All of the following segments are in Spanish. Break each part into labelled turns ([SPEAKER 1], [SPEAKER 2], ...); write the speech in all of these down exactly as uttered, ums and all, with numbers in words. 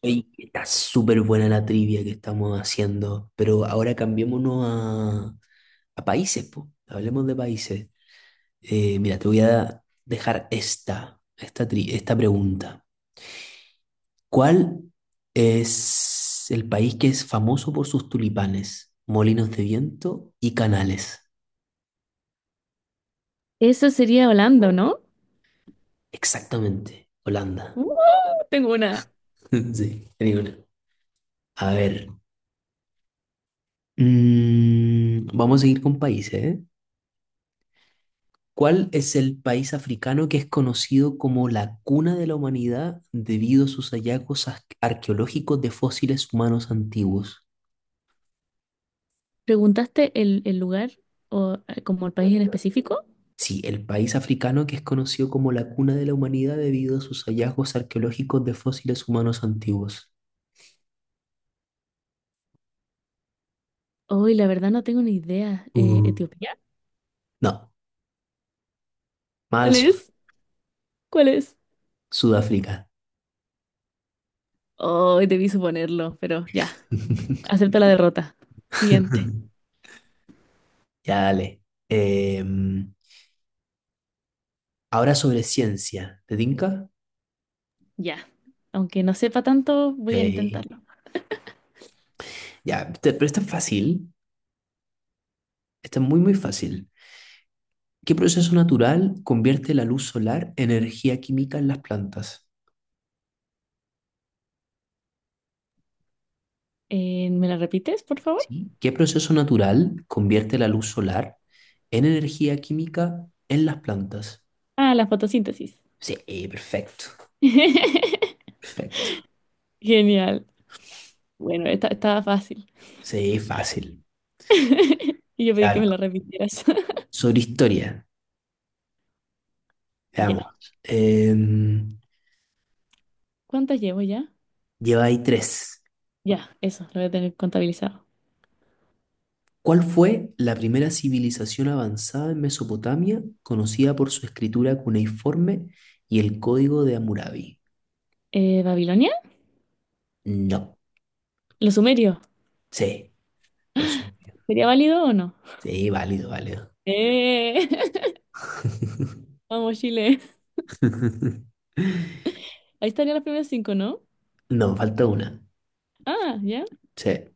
[SPEAKER 1] Ey, está súper buena la trivia que estamos haciendo, pero ahora cambiémonos a, a países, po. Hablemos de países. Eh, mira, te voy a dejar esta, esta, tri- esta pregunta. ¿Cuál es el país que es famoso por sus tulipanes, molinos de viento y canales?
[SPEAKER 2] Eso sería Holanda, ¿no?
[SPEAKER 1] Exactamente, Holanda.
[SPEAKER 2] ¡Wow! Tengo una.
[SPEAKER 1] Sí, tenía una. A ver, mm, vamos a seguir con países, ¿eh? ¿Cuál es el país africano que es conocido como la cuna de la humanidad debido a sus hallazgos ar- arqueológicos de fósiles humanos antiguos?
[SPEAKER 2] ¿Preguntaste el, el lugar o eh, como el país en específico?
[SPEAKER 1] Sí, el país africano que es conocido como la cuna de la humanidad debido a sus hallazgos arqueológicos de fósiles humanos antiguos.
[SPEAKER 2] Hoy, la verdad no tengo ni idea. Eh,
[SPEAKER 1] Uh,
[SPEAKER 2] ¿Etiopía?
[SPEAKER 1] no, mal
[SPEAKER 2] ¿Cuál
[SPEAKER 1] Sud-
[SPEAKER 2] es? ¿Cuál es?
[SPEAKER 1] Sudáfrica.
[SPEAKER 2] Hoy debí suponerlo, pero ya, acepto la derrota. Siguiente.
[SPEAKER 1] Ya dale. Em, Ahora sobre ciencia, ¿te tinca?
[SPEAKER 2] Ya. Aunque no sepa tanto, voy a
[SPEAKER 1] Sí.
[SPEAKER 2] intentarlo.
[SPEAKER 1] Ya, este- pero esta es fácil. Esta es muy, muy fácil. ¿Qué proceso natural convierte la luz solar en energía química en las plantas?
[SPEAKER 2] Eh, ¿me la repites, por favor?
[SPEAKER 1] ¿Sí? ¿Qué proceso natural convierte la luz solar en energía química en las plantas?
[SPEAKER 2] Ah, la fotosíntesis.
[SPEAKER 1] Sí, perfecto, perfecto.
[SPEAKER 2] Genial. Bueno, esta estaba fácil.
[SPEAKER 1] Sí, fácil.
[SPEAKER 2] Y yo pedí que
[SPEAKER 1] Ya,
[SPEAKER 2] me la repitieras.
[SPEAKER 1] sobre historia,
[SPEAKER 2] Ya.
[SPEAKER 1] veamos. Eh,
[SPEAKER 2] ¿Cuántas llevo ya?
[SPEAKER 1] Lleva ahí tres.
[SPEAKER 2] Ya, eso, lo voy a tener contabilizado.
[SPEAKER 1] ¿Cuál fue la primera civilización avanzada en Mesopotamia conocida por su escritura cuneiforme y el código de Hammurabi?
[SPEAKER 2] Eh, ¿Babilonia?
[SPEAKER 1] No,
[SPEAKER 2] ¿Los sumerios?
[SPEAKER 1] sí, lo supe.
[SPEAKER 2] ¿Sería válido o no?
[SPEAKER 1] Sí, válido, válido.
[SPEAKER 2] Eh, vamos, Chile. Ahí estarían los primeros cinco, ¿no?
[SPEAKER 1] No, falta una.
[SPEAKER 2] Ah, ya.
[SPEAKER 1] Sí.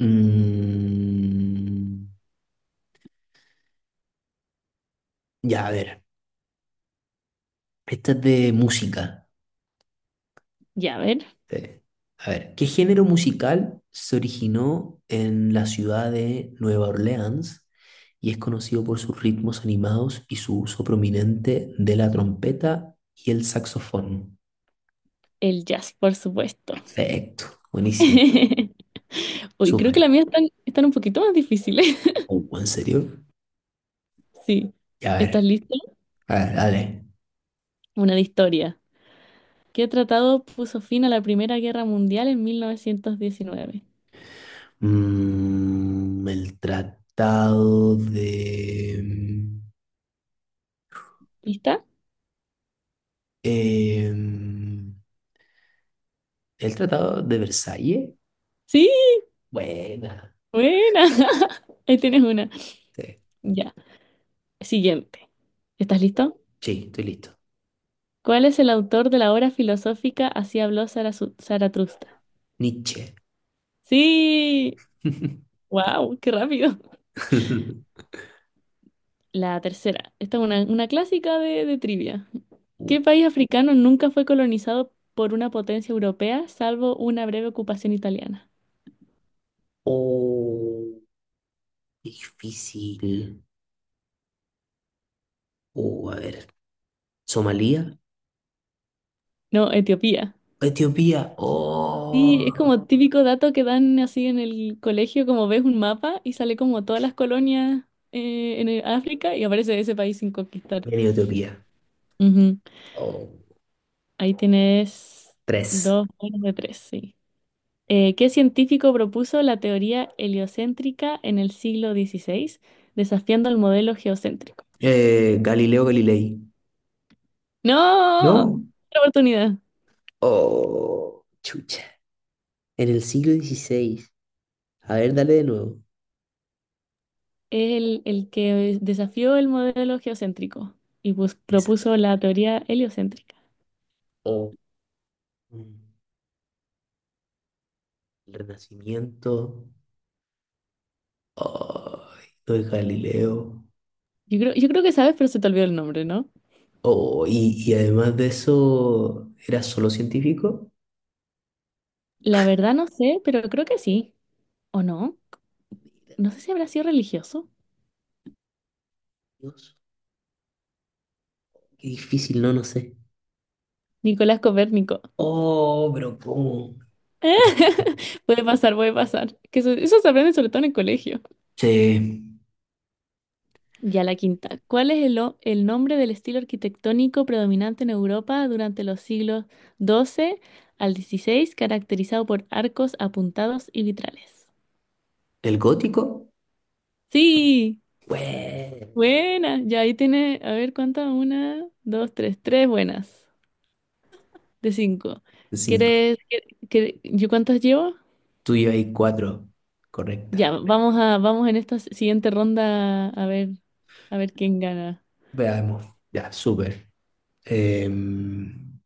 [SPEAKER 1] Mm, ya, a ver. Esta es de música.
[SPEAKER 2] Ya, a ver.
[SPEAKER 1] Sí. A ver, ¿qué género musical se originó en la ciudad de Nueva Orleans y es conocido por sus ritmos animados y su uso prominente de la trompeta y el saxofón?
[SPEAKER 2] El jazz, por supuesto.
[SPEAKER 1] Perfecto, buenísimo,
[SPEAKER 2] Uy, creo que
[SPEAKER 1] súper.
[SPEAKER 2] las mías están, están un poquito más difíciles.
[SPEAKER 1] Oh, ¿en serio?
[SPEAKER 2] Sí.
[SPEAKER 1] Ya, a
[SPEAKER 2] ¿Estás
[SPEAKER 1] ver,
[SPEAKER 2] listo?
[SPEAKER 1] a ver, dale.
[SPEAKER 2] Una de historia. ¿Qué tratado puso fin a la Primera Guerra Mundial en mil novecientos diecinueve?
[SPEAKER 1] Mm, el tratado de... mm,
[SPEAKER 2] ¿Lista?
[SPEAKER 1] em, el tratado de Versalles.
[SPEAKER 2] Sí,
[SPEAKER 1] Buena.
[SPEAKER 2] buena. Ahí tienes una.
[SPEAKER 1] Sí,
[SPEAKER 2] Ya, siguiente. ¿Estás listo?
[SPEAKER 1] sí, estoy listo.
[SPEAKER 2] ¿Cuál es el autor de la obra filosófica Así habló Zarazu- Zaratustra?
[SPEAKER 1] Nietzsche.
[SPEAKER 2] Sí, wow, qué rápido. La tercera, esta es una, una clásica de, de trivia.
[SPEAKER 1] Uh,
[SPEAKER 2] ¿Qué país africano nunca fue colonizado por una potencia europea, salvo una breve ocupación italiana?
[SPEAKER 1] Oh, qué difícil. Oh, a ver. ¿Somalia?
[SPEAKER 2] No, Etiopía.
[SPEAKER 1] ¿Etiopía?
[SPEAKER 2] Sí, es
[SPEAKER 1] Oh,
[SPEAKER 2] como típico dato que dan así en el colegio, como ves un mapa y sale como todas las colonias eh, en el- África y aparece ese país sin conquistar.
[SPEAKER 1] vení, Etiopía.
[SPEAKER 2] Ujú.
[SPEAKER 1] Oh,
[SPEAKER 2] Ahí tienes
[SPEAKER 1] tres.
[SPEAKER 2] dos buenas de tres, sí. Eh, ¿qué científico propuso la teoría heliocéntrica en el siglo dieciséis, desafiando el modelo geocéntrico?
[SPEAKER 1] Eh, Galileo Galilei.
[SPEAKER 2] ¡No!
[SPEAKER 1] ¿No?
[SPEAKER 2] Otra oportunidad.
[SPEAKER 1] Oh, chucha. En el siglo dieciséis. A ver, dale de nuevo.
[SPEAKER 2] Es el, el que desafió el modelo geocéntrico y, pues,
[SPEAKER 1] Esa.
[SPEAKER 2] propuso la teoría heliocéntrica.
[SPEAKER 1] Oh, mm, el Renacimiento. Ay, lo de Galileo.
[SPEAKER 2] Yo creo, yo creo que sabes, pero se te olvidó el nombre, ¿no?
[SPEAKER 1] Oh, y, y además de eso, ¿era solo científico?
[SPEAKER 2] La verdad no sé, pero creo que sí. ¿O no?
[SPEAKER 1] Mira,
[SPEAKER 2] No sé si habrá sido religioso.
[SPEAKER 1] Dios, qué difícil, no, no sé.
[SPEAKER 2] Nicolás Copérnico.
[SPEAKER 1] Oh, pero ¿cómo? Ya.
[SPEAKER 2] Puede pasar, puede pasar. Que eso, eso se aprende sobre todo en el colegio.
[SPEAKER 1] Sí.
[SPEAKER 2] Ya la quinta. ¿Cuál es el, o- el nombre del estilo arquitectónico predominante en Europa durante los siglos doce al dieciséis, caracterizado por arcos apuntados y vitrales?
[SPEAKER 1] ¿El gótico?
[SPEAKER 2] Sí,
[SPEAKER 1] Bueno,
[SPEAKER 2] buena. Ya ahí tiene, a ver cuántas, una, dos, tres, tres, buenas de cinco.
[SPEAKER 1] cinco.
[SPEAKER 2] ¿Quieres, que, que- yo cuántas llevo?
[SPEAKER 1] Tú y yo hay cuatro.
[SPEAKER 2] Ya,
[SPEAKER 1] Correcta.
[SPEAKER 2] vamos a, vamos en esta siguiente ronda a ver, a ver quién gana.
[SPEAKER 1] Veamos. Ya, súper. Em,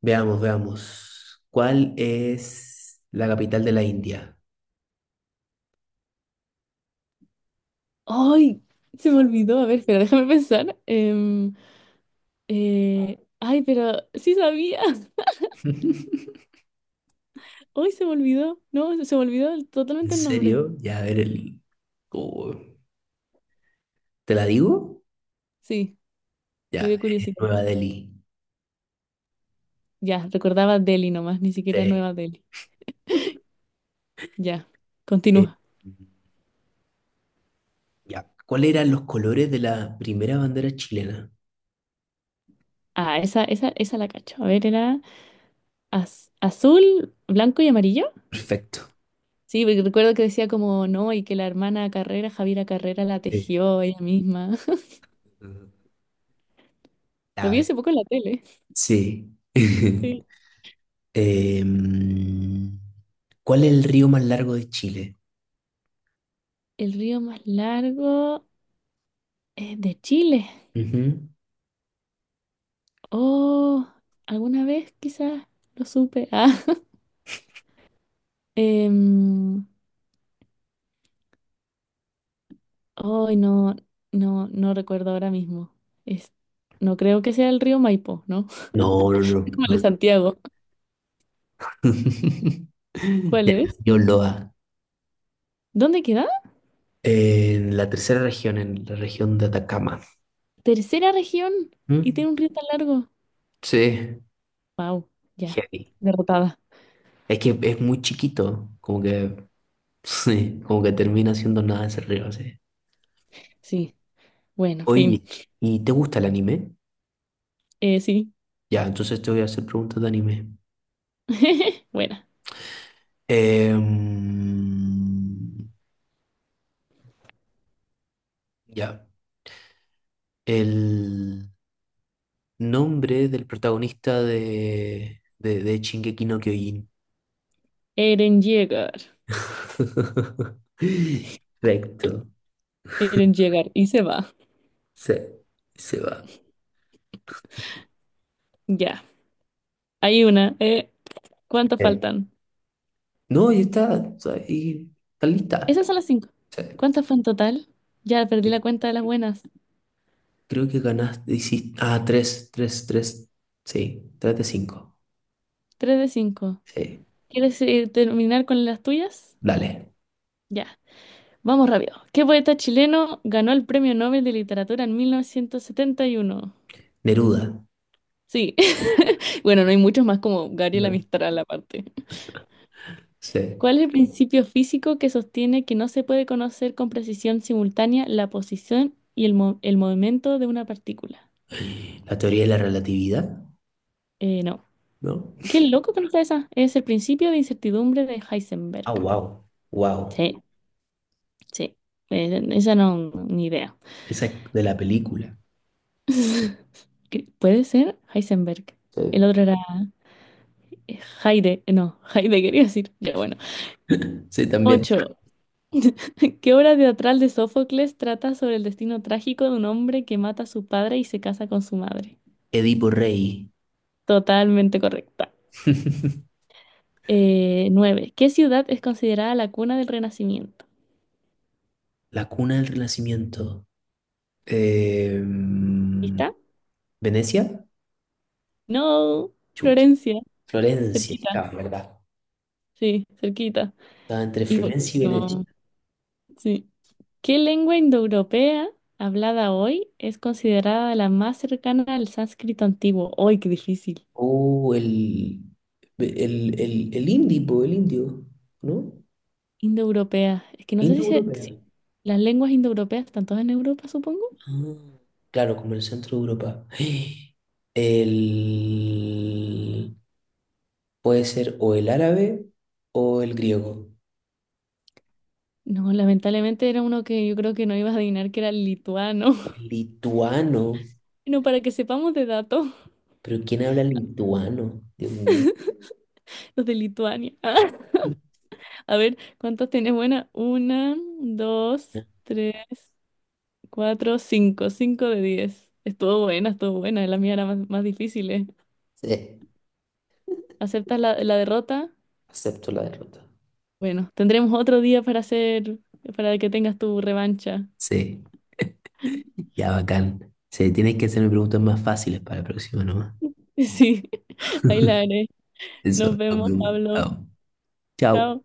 [SPEAKER 1] Veamos, veamos. ¿Cuál es la capital de la India?
[SPEAKER 2] ¡Ay! Se me olvidó. A ver, espera, déjame pensar. Em, Eh, ay, pero sí sabía. Hoy se me olvidó. No, se me olvidó el-
[SPEAKER 1] ¿En
[SPEAKER 2] totalmente el nombre.
[SPEAKER 1] serio? Ya, a ver el... oh, ¿te la digo?
[SPEAKER 2] Sí, me
[SPEAKER 1] Ya,
[SPEAKER 2] dio
[SPEAKER 1] es
[SPEAKER 2] curiosidad.
[SPEAKER 1] Nueva Delhi.
[SPEAKER 2] Ya, recordaba Delhi nomás, ni siquiera
[SPEAKER 1] Sí.
[SPEAKER 2] Nueva Delhi. Ya,
[SPEAKER 1] eh,
[SPEAKER 2] continúa.
[SPEAKER 1] ya. ¿Cuáles eran los colores de la primera bandera chilena?
[SPEAKER 2] Ah, esa, esa, esa la cacho. A ver, era az- azul, blanco y amarillo.
[SPEAKER 1] Perfecto.
[SPEAKER 2] Sí, porque recuerdo que decía como no, y que la hermana Carrera, Javiera Carrera, la
[SPEAKER 1] Sí.
[SPEAKER 2] tejió ella misma. Lo
[SPEAKER 1] A
[SPEAKER 2] vi hace
[SPEAKER 1] ver.
[SPEAKER 2] poco en la tele.
[SPEAKER 1] Sí.
[SPEAKER 2] Sí.
[SPEAKER 1] Em, ¿Cuál es el río más largo de Chile?
[SPEAKER 2] El río más largo es de Chile.
[SPEAKER 1] Ujú.
[SPEAKER 2] Oh, alguna vez quizás lo supe. Ah, em, ay, no, no, no recuerdo ahora mismo. Es, no creo que sea el río Maipo, ¿no?
[SPEAKER 1] No, no, no,
[SPEAKER 2] Como el de
[SPEAKER 1] no.
[SPEAKER 2] Santiago. ¿Cuál
[SPEAKER 1] Ya,
[SPEAKER 2] es?
[SPEAKER 1] yo lo
[SPEAKER 2] ¿Dónde queda?
[SPEAKER 1] en la tercera región, en la región de Atacama.
[SPEAKER 2] Tercera región. Y
[SPEAKER 1] ¿Mm?
[SPEAKER 2] tiene un río tan largo.
[SPEAKER 1] Sí,
[SPEAKER 2] Wow, ya.
[SPEAKER 1] heavy.
[SPEAKER 2] Derrotada.
[SPEAKER 1] Es que es muy chiquito, como que, sí, como que termina siendo nada ese río, sí.
[SPEAKER 2] Sí. Bueno, fin.
[SPEAKER 1] Oye, ¿y te gusta el anime?
[SPEAKER 2] Eh, sí.
[SPEAKER 1] Ya, entonces te voy a hacer preguntas de anime.
[SPEAKER 2] Buena.
[SPEAKER 1] Em, ya, el nombre del protagonista de, de, de Shingeki no Kyojin.
[SPEAKER 2] Eren llegar.
[SPEAKER 1] Perfecto,
[SPEAKER 2] Eren llegar. Y se va.
[SPEAKER 1] se, se va.
[SPEAKER 2] Ya. Hay una. Eh, ¿cuántas
[SPEAKER 1] Sí.
[SPEAKER 2] faltan?
[SPEAKER 1] No, y está, o sea, y está lista.
[SPEAKER 2] Esas son las cinco.
[SPEAKER 1] O sea,
[SPEAKER 2] ¿Cuántas fue en total? Ya perdí la
[SPEAKER 1] eh,
[SPEAKER 2] cuenta de las buenas.
[SPEAKER 1] creo que ganaste, hiciste, ah, tres, tres, tres, sí, tres de cinco.
[SPEAKER 2] Tres de cinco.
[SPEAKER 1] Sí,
[SPEAKER 2] ¿Quieres eh, terminar con las tuyas?
[SPEAKER 1] dale.
[SPEAKER 2] Ya. Vamos rápido. ¿Qué poeta chileno ganó el Premio Nobel de Literatura en mil novecientos setenta y uno?
[SPEAKER 1] Neruda.
[SPEAKER 2] Sí. Bueno, no hay muchos más como Gabriela
[SPEAKER 1] No.
[SPEAKER 2] Mistral aparte.
[SPEAKER 1] Sí.
[SPEAKER 2] ¿Cuál es el principio físico que sostiene que no se puede conocer con precisión simultánea la posición y el, mo- el movimiento de una partícula?
[SPEAKER 1] La teoría de la relatividad,
[SPEAKER 2] Eh, no.
[SPEAKER 1] ¿no?
[SPEAKER 2] Qué loco que no sea esa. Es el principio de incertidumbre de
[SPEAKER 1] Ah,
[SPEAKER 2] Heisenberg.
[SPEAKER 1] wow, wow.
[SPEAKER 2] Sí, sí. Eh, esa no, ni idea.
[SPEAKER 1] Esa es de la película.
[SPEAKER 2] ¿Qué- ¿Puede ser Heisenberg? El
[SPEAKER 1] Sí.
[SPEAKER 2] otro era Heide, eh, no, Heide quería decir. Ya, bueno.
[SPEAKER 1] Sí, también.
[SPEAKER 2] Ocho. ¿Qué obra teatral de Sófocles trata sobre el destino trágico de un hombre que mata a su padre y se casa con su madre?
[SPEAKER 1] Edipo Rey.
[SPEAKER 2] Totalmente correcta. Eh, nueve. ¿Qué ciudad es considerada la cuna del Renacimiento?
[SPEAKER 1] La cuna del Renacimiento. Em,
[SPEAKER 2] ¿Lista?
[SPEAKER 1] ¿Venecia?
[SPEAKER 2] No,
[SPEAKER 1] Chucha.
[SPEAKER 2] Florencia.
[SPEAKER 1] Florencia,
[SPEAKER 2] Cerquita.
[SPEAKER 1] estaba, ¿verdad?
[SPEAKER 2] Sí, cerquita.
[SPEAKER 1] Estaba entre
[SPEAKER 2] Y por
[SPEAKER 1] Florencia y Venecia.
[SPEAKER 2] último, sí. ¿Qué lengua indoeuropea hablada hoy es considerada la más cercana al sánscrito antiguo? ¡Ay, qué difícil!
[SPEAKER 1] O el, el, el, el indie, po, el indio, ¿no?
[SPEAKER 2] Indoeuropea. Es que no sé si, se- si
[SPEAKER 1] Indo-europea.
[SPEAKER 2] las lenguas indoeuropeas están todas en Europa, supongo.
[SPEAKER 1] Ah, claro, como el centro de Europa. El... Puede ser o el árabe o el griego.
[SPEAKER 2] No, lamentablemente era uno que yo creo que no ibas a adivinar, que era el lituano.
[SPEAKER 1] Lituano.
[SPEAKER 2] Bueno, para que sepamos de datos,
[SPEAKER 1] ¿Pero quién habla lituano? Dios mío.
[SPEAKER 2] los de Lituania. A ver, ¿cuántos tienes? Buena, una, dos, tres, cuatro, cinco. Cinco de diez. Estuvo buena, estuvo buena. La mía era más, más difícil, ¿eh?
[SPEAKER 1] Sí,
[SPEAKER 2] ¿Aceptas la, la derrota?
[SPEAKER 1] acepto la derrota.
[SPEAKER 2] Bueno, tendremos otro día para hacer, para que tengas tu revancha.
[SPEAKER 1] Sí, ya bacán. Sí, tienes que hacerme preguntas más fáciles para la próxima nomás.
[SPEAKER 2] Sí, ahí la haré. Nos
[SPEAKER 1] Eso, nos
[SPEAKER 2] vemos,
[SPEAKER 1] vemos.
[SPEAKER 2] Pablo.
[SPEAKER 1] Chao. Chao.
[SPEAKER 2] Chao.